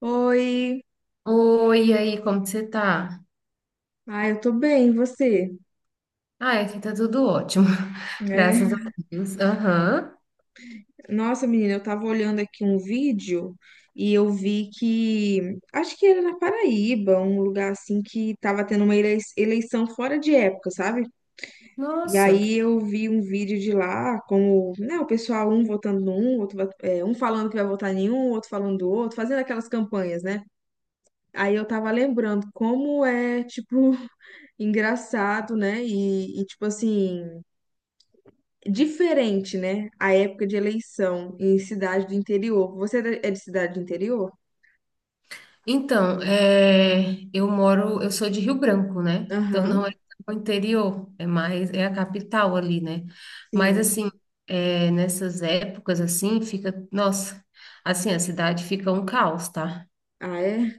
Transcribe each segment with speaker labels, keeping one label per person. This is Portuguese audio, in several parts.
Speaker 1: Oi,
Speaker 2: Oi, e aí, como que você tá?
Speaker 1: eu tô bem, e você?
Speaker 2: Ah, aqui tá tudo ótimo, graças a
Speaker 1: É.
Speaker 2: Deus. Aham,
Speaker 1: Nossa, menina, eu tava olhando aqui um vídeo e eu vi que, acho que era na Paraíba, um lugar assim que tava tendo uma eleição fora de época, sabe? E
Speaker 2: nossa.
Speaker 1: aí eu vi um vídeo de lá, como, né, o pessoal um votando num, outro, um falando que vai votar em um, outro falando do outro, fazendo aquelas campanhas, né? Aí eu tava lembrando como é, tipo, engraçado, né? E tipo assim, diferente, né? A época de eleição em cidade do interior. Você é de cidade do interior?
Speaker 2: Então, eu sou de Rio Branco, né? Então
Speaker 1: Aham,
Speaker 2: não é o interior, é a capital ali, né? Mas
Speaker 1: sim.
Speaker 2: assim, nessas épocas assim, fica, nossa, assim, a cidade fica um caos, tá?
Speaker 1: Ah, é?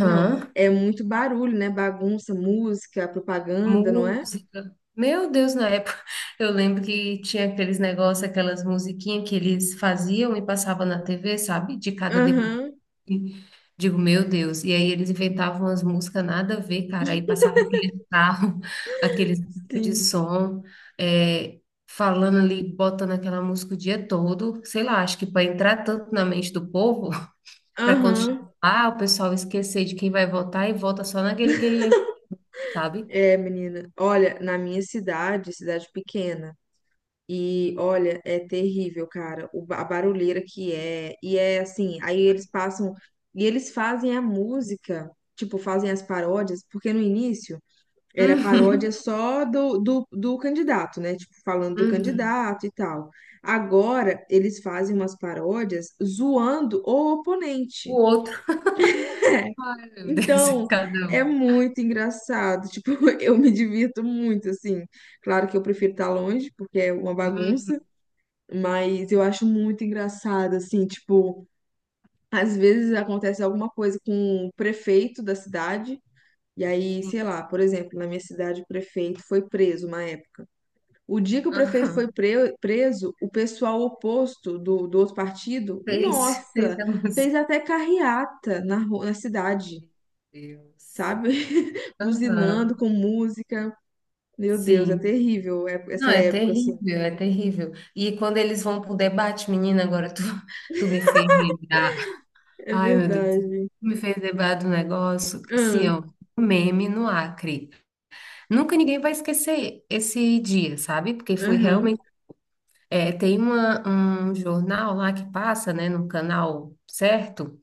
Speaker 1: Não, é muito barulho, né? Bagunça, música, propaganda, não é?
Speaker 2: Música. Meu Deus, na época, eu lembro que tinha aqueles negócios, aquelas musiquinhas que eles faziam e passavam na TV, sabe? De cada deputado.
Speaker 1: Aham,
Speaker 2: Digo, meu Deus. E aí eles inventavam umas músicas nada a ver, cara. Aí passava aquele carro, aqueles carro de
Speaker 1: sim.
Speaker 2: som, é, falando ali, botando aquela música o dia todo. Sei lá, acho que para entrar tanto na mente do povo, para quando chegar
Speaker 1: Aham.
Speaker 2: lá, o pessoal esquecer de quem vai votar e vota só naquele que ele lembra, sabe?
Speaker 1: É, menina. Olha, na minha cidade, cidade pequena, e olha, é terrível, cara, a barulheira que é. E é assim, aí eles passam, e eles fazem a música, tipo, fazem as paródias, porque no início. Era paródia
Speaker 2: Uhum.
Speaker 1: só do candidato, né? Tipo, falando do
Speaker 2: Uhum.
Speaker 1: candidato e tal. Agora, eles fazem umas paródias zoando o
Speaker 2: O
Speaker 1: oponente.
Speaker 2: outro, ai meu Deus,
Speaker 1: Então,
Speaker 2: cada
Speaker 1: é
Speaker 2: um.
Speaker 1: muito engraçado. Tipo, eu me divirto muito, assim. Claro que eu prefiro estar longe, porque é uma
Speaker 2: Uhum,
Speaker 1: bagunça, mas eu acho muito engraçado, assim. Tipo, às vezes acontece alguma coisa com o prefeito da cidade, e aí,
Speaker 2: sim.
Speaker 1: sei lá, por exemplo, na minha cidade, o prefeito foi preso uma época. O dia que o prefeito foi preso, o pessoal oposto do outro partido,
Speaker 2: Fez
Speaker 1: nossa,
Speaker 2: a
Speaker 1: fez
Speaker 2: música.
Speaker 1: até carreata na cidade,
Speaker 2: Meu Deus.
Speaker 1: sabe? Buzinando
Speaker 2: Aham,
Speaker 1: com música. Meu Deus, é
Speaker 2: sim.
Speaker 1: terrível
Speaker 2: Não,
Speaker 1: essa
Speaker 2: é
Speaker 1: época, assim.
Speaker 2: terrível, é terrível. E quando eles vão pro debate, menina, agora tu, tu me fez lembrar.
Speaker 1: É
Speaker 2: Ai, meu Deus, tu
Speaker 1: verdade.
Speaker 2: me fez lembrar do negócio. Assim,
Speaker 1: Aham,
Speaker 2: ó, um meme no Acre. Nunca ninguém vai esquecer esse dia, sabe? Porque foi
Speaker 1: aham,
Speaker 2: realmente. Tem um jornal lá que passa, né, num canal certo,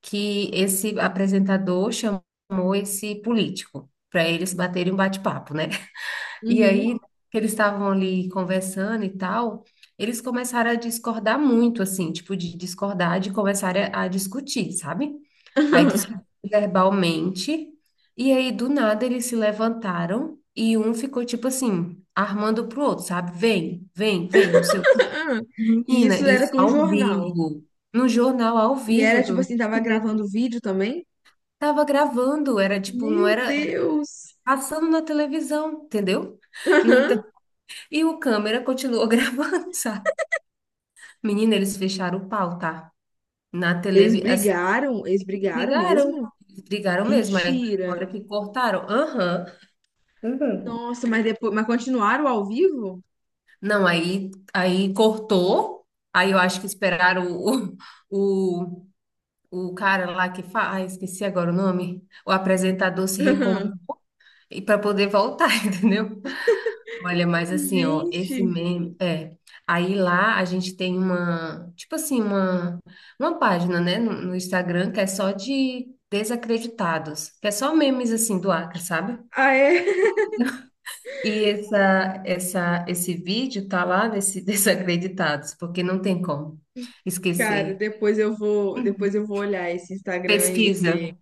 Speaker 2: que esse apresentador chamou esse político para eles baterem um bate-papo, né? E
Speaker 1: uhum.
Speaker 2: aí que eles estavam ali conversando e tal, eles começaram a discordar muito, assim, tipo de discordar, de começar a discutir, sabe? Aí discutiram verbalmente e aí do nada eles se levantaram e um ficou tipo assim armando pro outro, sabe? Vem, vem, vem, não sei o seu,
Speaker 1: Aham. E
Speaker 2: menina,
Speaker 1: isso era
Speaker 2: isso
Speaker 1: com um
Speaker 2: ao
Speaker 1: jornal.
Speaker 2: vivo. No jornal ao
Speaker 1: E
Speaker 2: vivo,
Speaker 1: era tipo
Speaker 2: tu.
Speaker 1: assim, tava gravando vídeo também.
Speaker 2: Tava gravando, era tipo, não
Speaker 1: Meu
Speaker 2: era, era
Speaker 1: Deus!
Speaker 2: passando na televisão, entendeu? No
Speaker 1: Aham.
Speaker 2: entanto, e o câmera continuou gravando, sabe? Menina, eles fecharam o pau, tá? Na televisão, assim,
Speaker 1: Eles brigaram
Speaker 2: brigaram,
Speaker 1: mesmo?
Speaker 2: brigaram mesmo, aí na
Speaker 1: Mentira.
Speaker 2: hora que cortaram, aham, uhum.
Speaker 1: Nossa, mas depois, mas continuaram ao vivo?
Speaker 2: Não, aí cortou, aí eu acho que esperaram o, o cara lá que faz, ah, esqueci agora o nome, o apresentador se recompor,
Speaker 1: Aham.
Speaker 2: e para poder voltar, entendeu? Olha, mas assim, ó, esse
Speaker 1: Gente,
Speaker 2: meme, aí lá a gente tem uma, tipo assim, uma página, né, no Instagram que é só de desacreditados, que é só memes, assim, do Acre, sabe?
Speaker 1: ah é,
Speaker 2: E esse vídeo tá lá nesse desacreditados, porque não tem como
Speaker 1: cara,
Speaker 2: esquecer.
Speaker 1: depois eu vou olhar esse Instagram aí, porque...
Speaker 2: Pesquisa.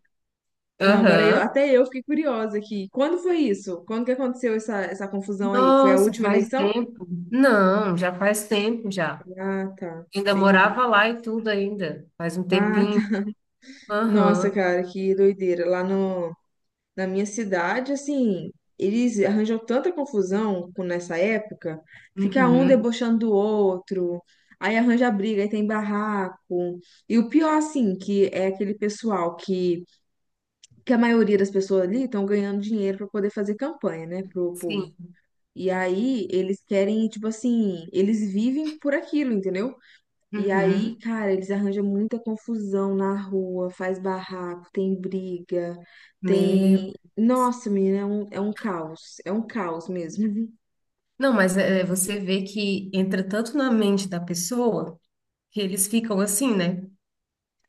Speaker 1: Não, agora eu,
Speaker 2: Aham.
Speaker 1: até eu fiquei curiosa aqui. Quando foi isso? Quando que aconteceu essa confusão aí? Foi a
Speaker 2: Nossa,
Speaker 1: última
Speaker 2: faz
Speaker 1: eleição?
Speaker 2: tempo. Não, já faz tempo já.
Speaker 1: Ah, tá.
Speaker 2: Ainda
Speaker 1: Entendi.
Speaker 2: morava lá e tudo ainda. Faz um
Speaker 1: Ah,
Speaker 2: tempinho.
Speaker 1: tá. Nossa,
Speaker 2: Aham.
Speaker 1: cara, que doideira. Lá no Na minha cidade, assim, eles arranjam tanta confusão nessa época, fica um
Speaker 2: Uhum,
Speaker 1: debochando do outro, aí arranja briga, aí tem barraco. E o pior, assim, que é aquele pessoal que a maioria das pessoas ali estão ganhando dinheiro para poder fazer campanha, né, pro povo.
Speaker 2: sim.
Speaker 1: E aí eles querem, tipo assim, eles vivem por aquilo, entendeu? E aí,
Speaker 2: Uhum.
Speaker 1: cara, eles arranjam muita confusão na rua, faz barraco, tem briga,
Speaker 2: Meu.
Speaker 1: tem. Nossa, menina, é um caos. É um caos mesmo.
Speaker 2: Não, mas é, você vê que entra tanto na mente da pessoa que eles ficam assim, né?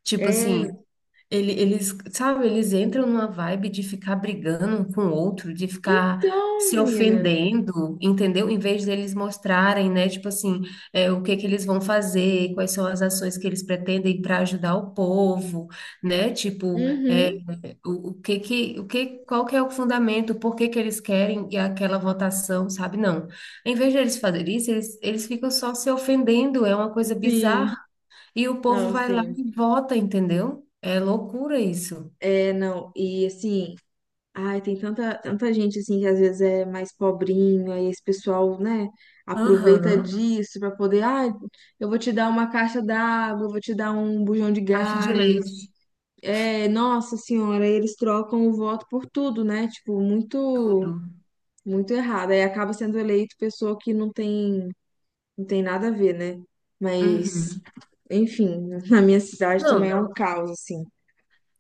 Speaker 2: Tipo assim,
Speaker 1: É.
Speaker 2: eles, sabe, eles entram numa vibe de ficar brigando um com o outro, de ficar
Speaker 1: Então,
Speaker 2: se
Speaker 1: menina.
Speaker 2: ofendendo, entendeu? Em vez deles mostrarem, né, tipo assim, o que que eles vão fazer, quais são as ações que eles pretendem para ajudar o povo, né? Tipo,
Speaker 1: Uhum.
Speaker 2: o que que, o que, qual que é o fundamento, por que que eles querem e aquela votação, sabe? Não. Em vez de eles fazerem isso, eles ficam só se ofendendo, é uma coisa
Speaker 1: Sim.
Speaker 2: bizarra. E o povo
Speaker 1: Não,
Speaker 2: vai lá
Speaker 1: sim.
Speaker 2: e vota, entendeu? É loucura isso.
Speaker 1: É, não. E assim. Ai, tem tanta, tanta gente assim que às vezes é mais pobrinho aí esse pessoal, né, aproveita
Speaker 2: Aham.
Speaker 1: disso pra poder, ai, eu vou te dar uma caixa d'água, eu vou te dar um bujão de
Speaker 2: Caixa de
Speaker 1: gás.
Speaker 2: leite,
Speaker 1: É, nossa senhora, eles trocam o voto por tudo, né? Tipo, muito,
Speaker 2: tudo.
Speaker 1: muito errado. Aí acaba sendo eleito pessoa que não tem nada a ver, né? Mas,
Speaker 2: Uhum.
Speaker 1: enfim, na minha cidade também
Speaker 2: Não,
Speaker 1: é um caos, assim.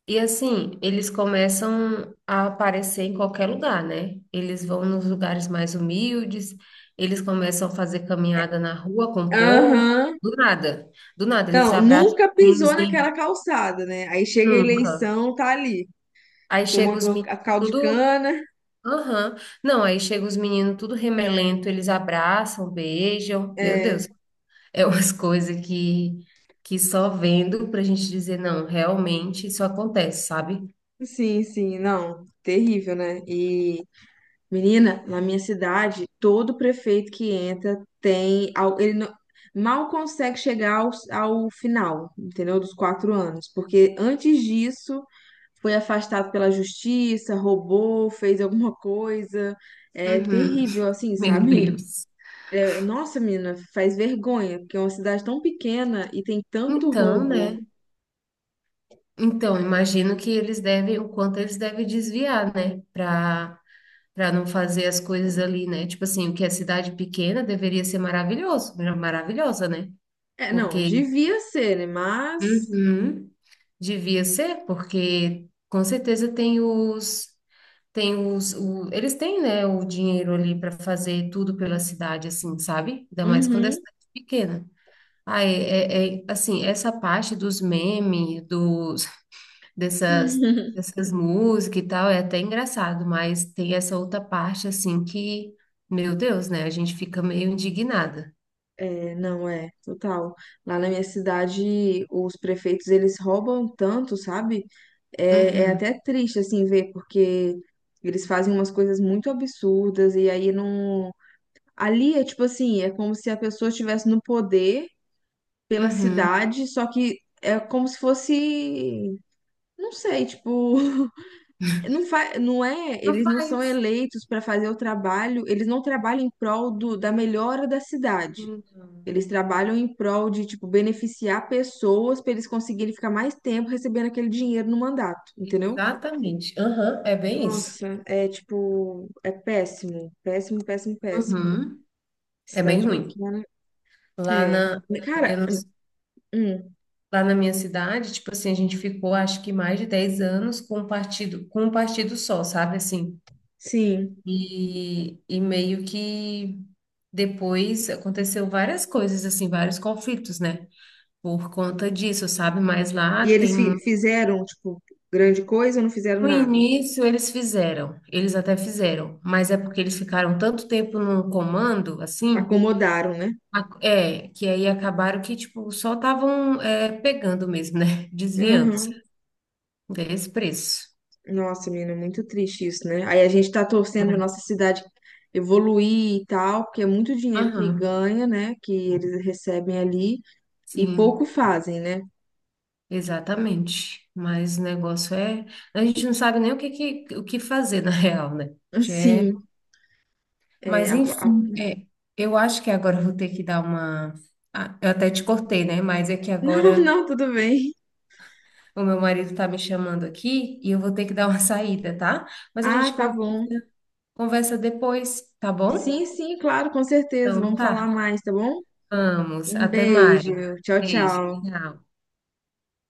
Speaker 2: e assim, eles começam a aparecer em qualquer lugar, né? Eles vão nos lugares mais humildes, eles começam a fazer caminhada na rua com o povo,
Speaker 1: Aham.
Speaker 2: do nada, do nada, eles
Speaker 1: Não,
Speaker 2: abraçam
Speaker 1: nunca pisou
Speaker 2: os meninos e
Speaker 1: naquela calçada, né? Aí chega a
Speaker 2: nunca.
Speaker 1: eleição, tá ali,
Speaker 2: Aí chega
Speaker 1: tomando
Speaker 2: os meninos,
Speaker 1: a caldo de
Speaker 2: tudo.
Speaker 1: cana.
Speaker 2: Aham. Não, aí chega os meninos tudo remelento, eles abraçam, beijam. Meu Deus,
Speaker 1: É,
Speaker 2: é umas coisas que só vendo pra gente dizer, não, realmente isso acontece, sabe?
Speaker 1: sim, sim, não, terrível, né? E menina, na minha cidade, todo prefeito que entra tem. Al- Ele não- mal consegue chegar ao final, entendeu? Dos 4 anos. Porque antes disso, foi afastado pela justiça, roubou, fez alguma coisa. É
Speaker 2: Uhum.
Speaker 1: terrível, assim,
Speaker 2: Meu
Speaker 1: sabe?
Speaker 2: Deus.
Speaker 1: É, nossa, menina, faz vergonha, porque é uma cidade tão pequena e tem tanto
Speaker 2: Então,
Speaker 1: roubo.
Speaker 2: né? Então, imagino que eles devem, o quanto eles devem desviar, né? Para não fazer as coisas ali, né? Tipo assim, o que é cidade pequena deveria ser maravilhosa, né?
Speaker 1: É, não,
Speaker 2: Porque,
Speaker 1: devia ser, né? Mas.
Speaker 2: uhum, devia ser, porque com certeza tem os eles têm, né, o dinheiro ali para fazer tudo pela cidade assim, sabe? Ainda mais quando é
Speaker 1: Uhum.
Speaker 2: cidade pequena. Ah, assim, essa parte dos memes, dos dessas, dessas músicas e tal, é até engraçado, mas tem essa outra parte assim que, meu Deus, né? A gente fica meio indignada.
Speaker 1: É, não, é, total. Lá na minha cidade, os prefeitos, eles roubam tanto, sabe? É
Speaker 2: Uhum,
Speaker 1: até triste, assim, ver, porque eles fazem umas coisas muito absurdas e aí não... Ali é tipo assim, é como se a pessoa estivesse no poder pela
Speaker 2: uhum.
Speaker 1: cidade, só que é como se fosse... Não sei, tipo... Não, não é...
Speaker 2: Não
Speaker 1: Eles não são
Speaker 2: faz.
Speaker 1: eleitos para fazer o trabalho, eles não trabalham em prol do... da melhora da cidade.
Speaker 2: Não.
Speaker 1: Eles trabalham em prol de, tipo, beneficiar pessoas para eles conseguirem ficar mais tempo recebendo aquele dinheiro no mandato, entendeu?
Speaker 2: Exatamente. Aham, é bem isso.
Speaker 1: Nossa, é tipo, é péssimo, péssimo, péssimo, péssimo.
Speaker 2: Uhum. É bem
Speaker 1: Cidade
Speaker 2: ruim.
Speaker 1: pequena,
Speaker 2: Lá
Speaker 1: é.
Speaker 2: na,
Speaker 1: Cara,
Speaker 2: eu não s-
Speaker 1: hum,
Speaker 2: lá na minha cidade, tipo assim, a gente ficou acho que mais de 10 anos com um partido só, sabe assim?
Speaker 1: sim.
Speaker 2: E meio que depois aconteceu várias coisas, assim, vários conflitos, né? Por conta disso, sabe? Mas lá
Speaker 1: E eles
Speaker 2: tem muito.
Speaker 1: fizeram, tipo, grande coisa ou não fizeram
Speaker 2: No
Speaker 1: nada?
Speaker 2: início eles fizeram, eles até fizeram, mas é porque eles ficaram tanto tempo no comando, assim,
Speaker 1: Acomodaram, né?
Speaker 2: que aí acabaram que, tipo, só estavam, pegando mesmo, né? Desviando-se
Speaker 1: Aham.
Speaker 2: desse preço.
Speaker 1: Nossa, menina, muito triste isso, né? Aí a gente tá torcendo pra
Speaker 2: Mas,
Speaker 1: nossa cidade evoluir e tal, porque é muito dinheiro que
Speaker 2: aham,
Speaker 1: ganha, né? Que eles recebem ali. E pouco
Speaker 2: sim.
Speaker 1: fazem, né?
Speaker 2: Exatamente. Mas o negócio é. A gente não sabe nem o que fazer, na real, né? Que é...
Speaker 1: Assim, é,
Speaker 2: Mas, enfim, eu acho que agora eu vou ter que dar uma. Ah, eu até te cortei, né? Mas é que
Speaker 1: não,
Speaker 2: agora
Speaker 1: não, tudo bem.
Speaker 2: o meu marido tá me chamando aqui e eu vou ter que dar uma saída, tá? Mas a
Speaker 1: Ah,
Speaker 2: gente
Speaker 1: tá
Speaker 2: conversa,
Speaker 1: bom.
Speaker 2: conversa depois, tá bom?
Speaker 1: Sim, sim, claro, com certeza.
Speaker 2: Então,
Speaker 1: Vamos falar
Speaker 2: tá.
Speaker 1: mais, tá bom?
Speaker 2: Vamos.
Speaker 1: Um
Speaker 2: Até mais.
Speaker 1: beijo. Tchau,
Speaker 2: Beijo.
Speaker 1: tchau.
Speaker 2: Tchau.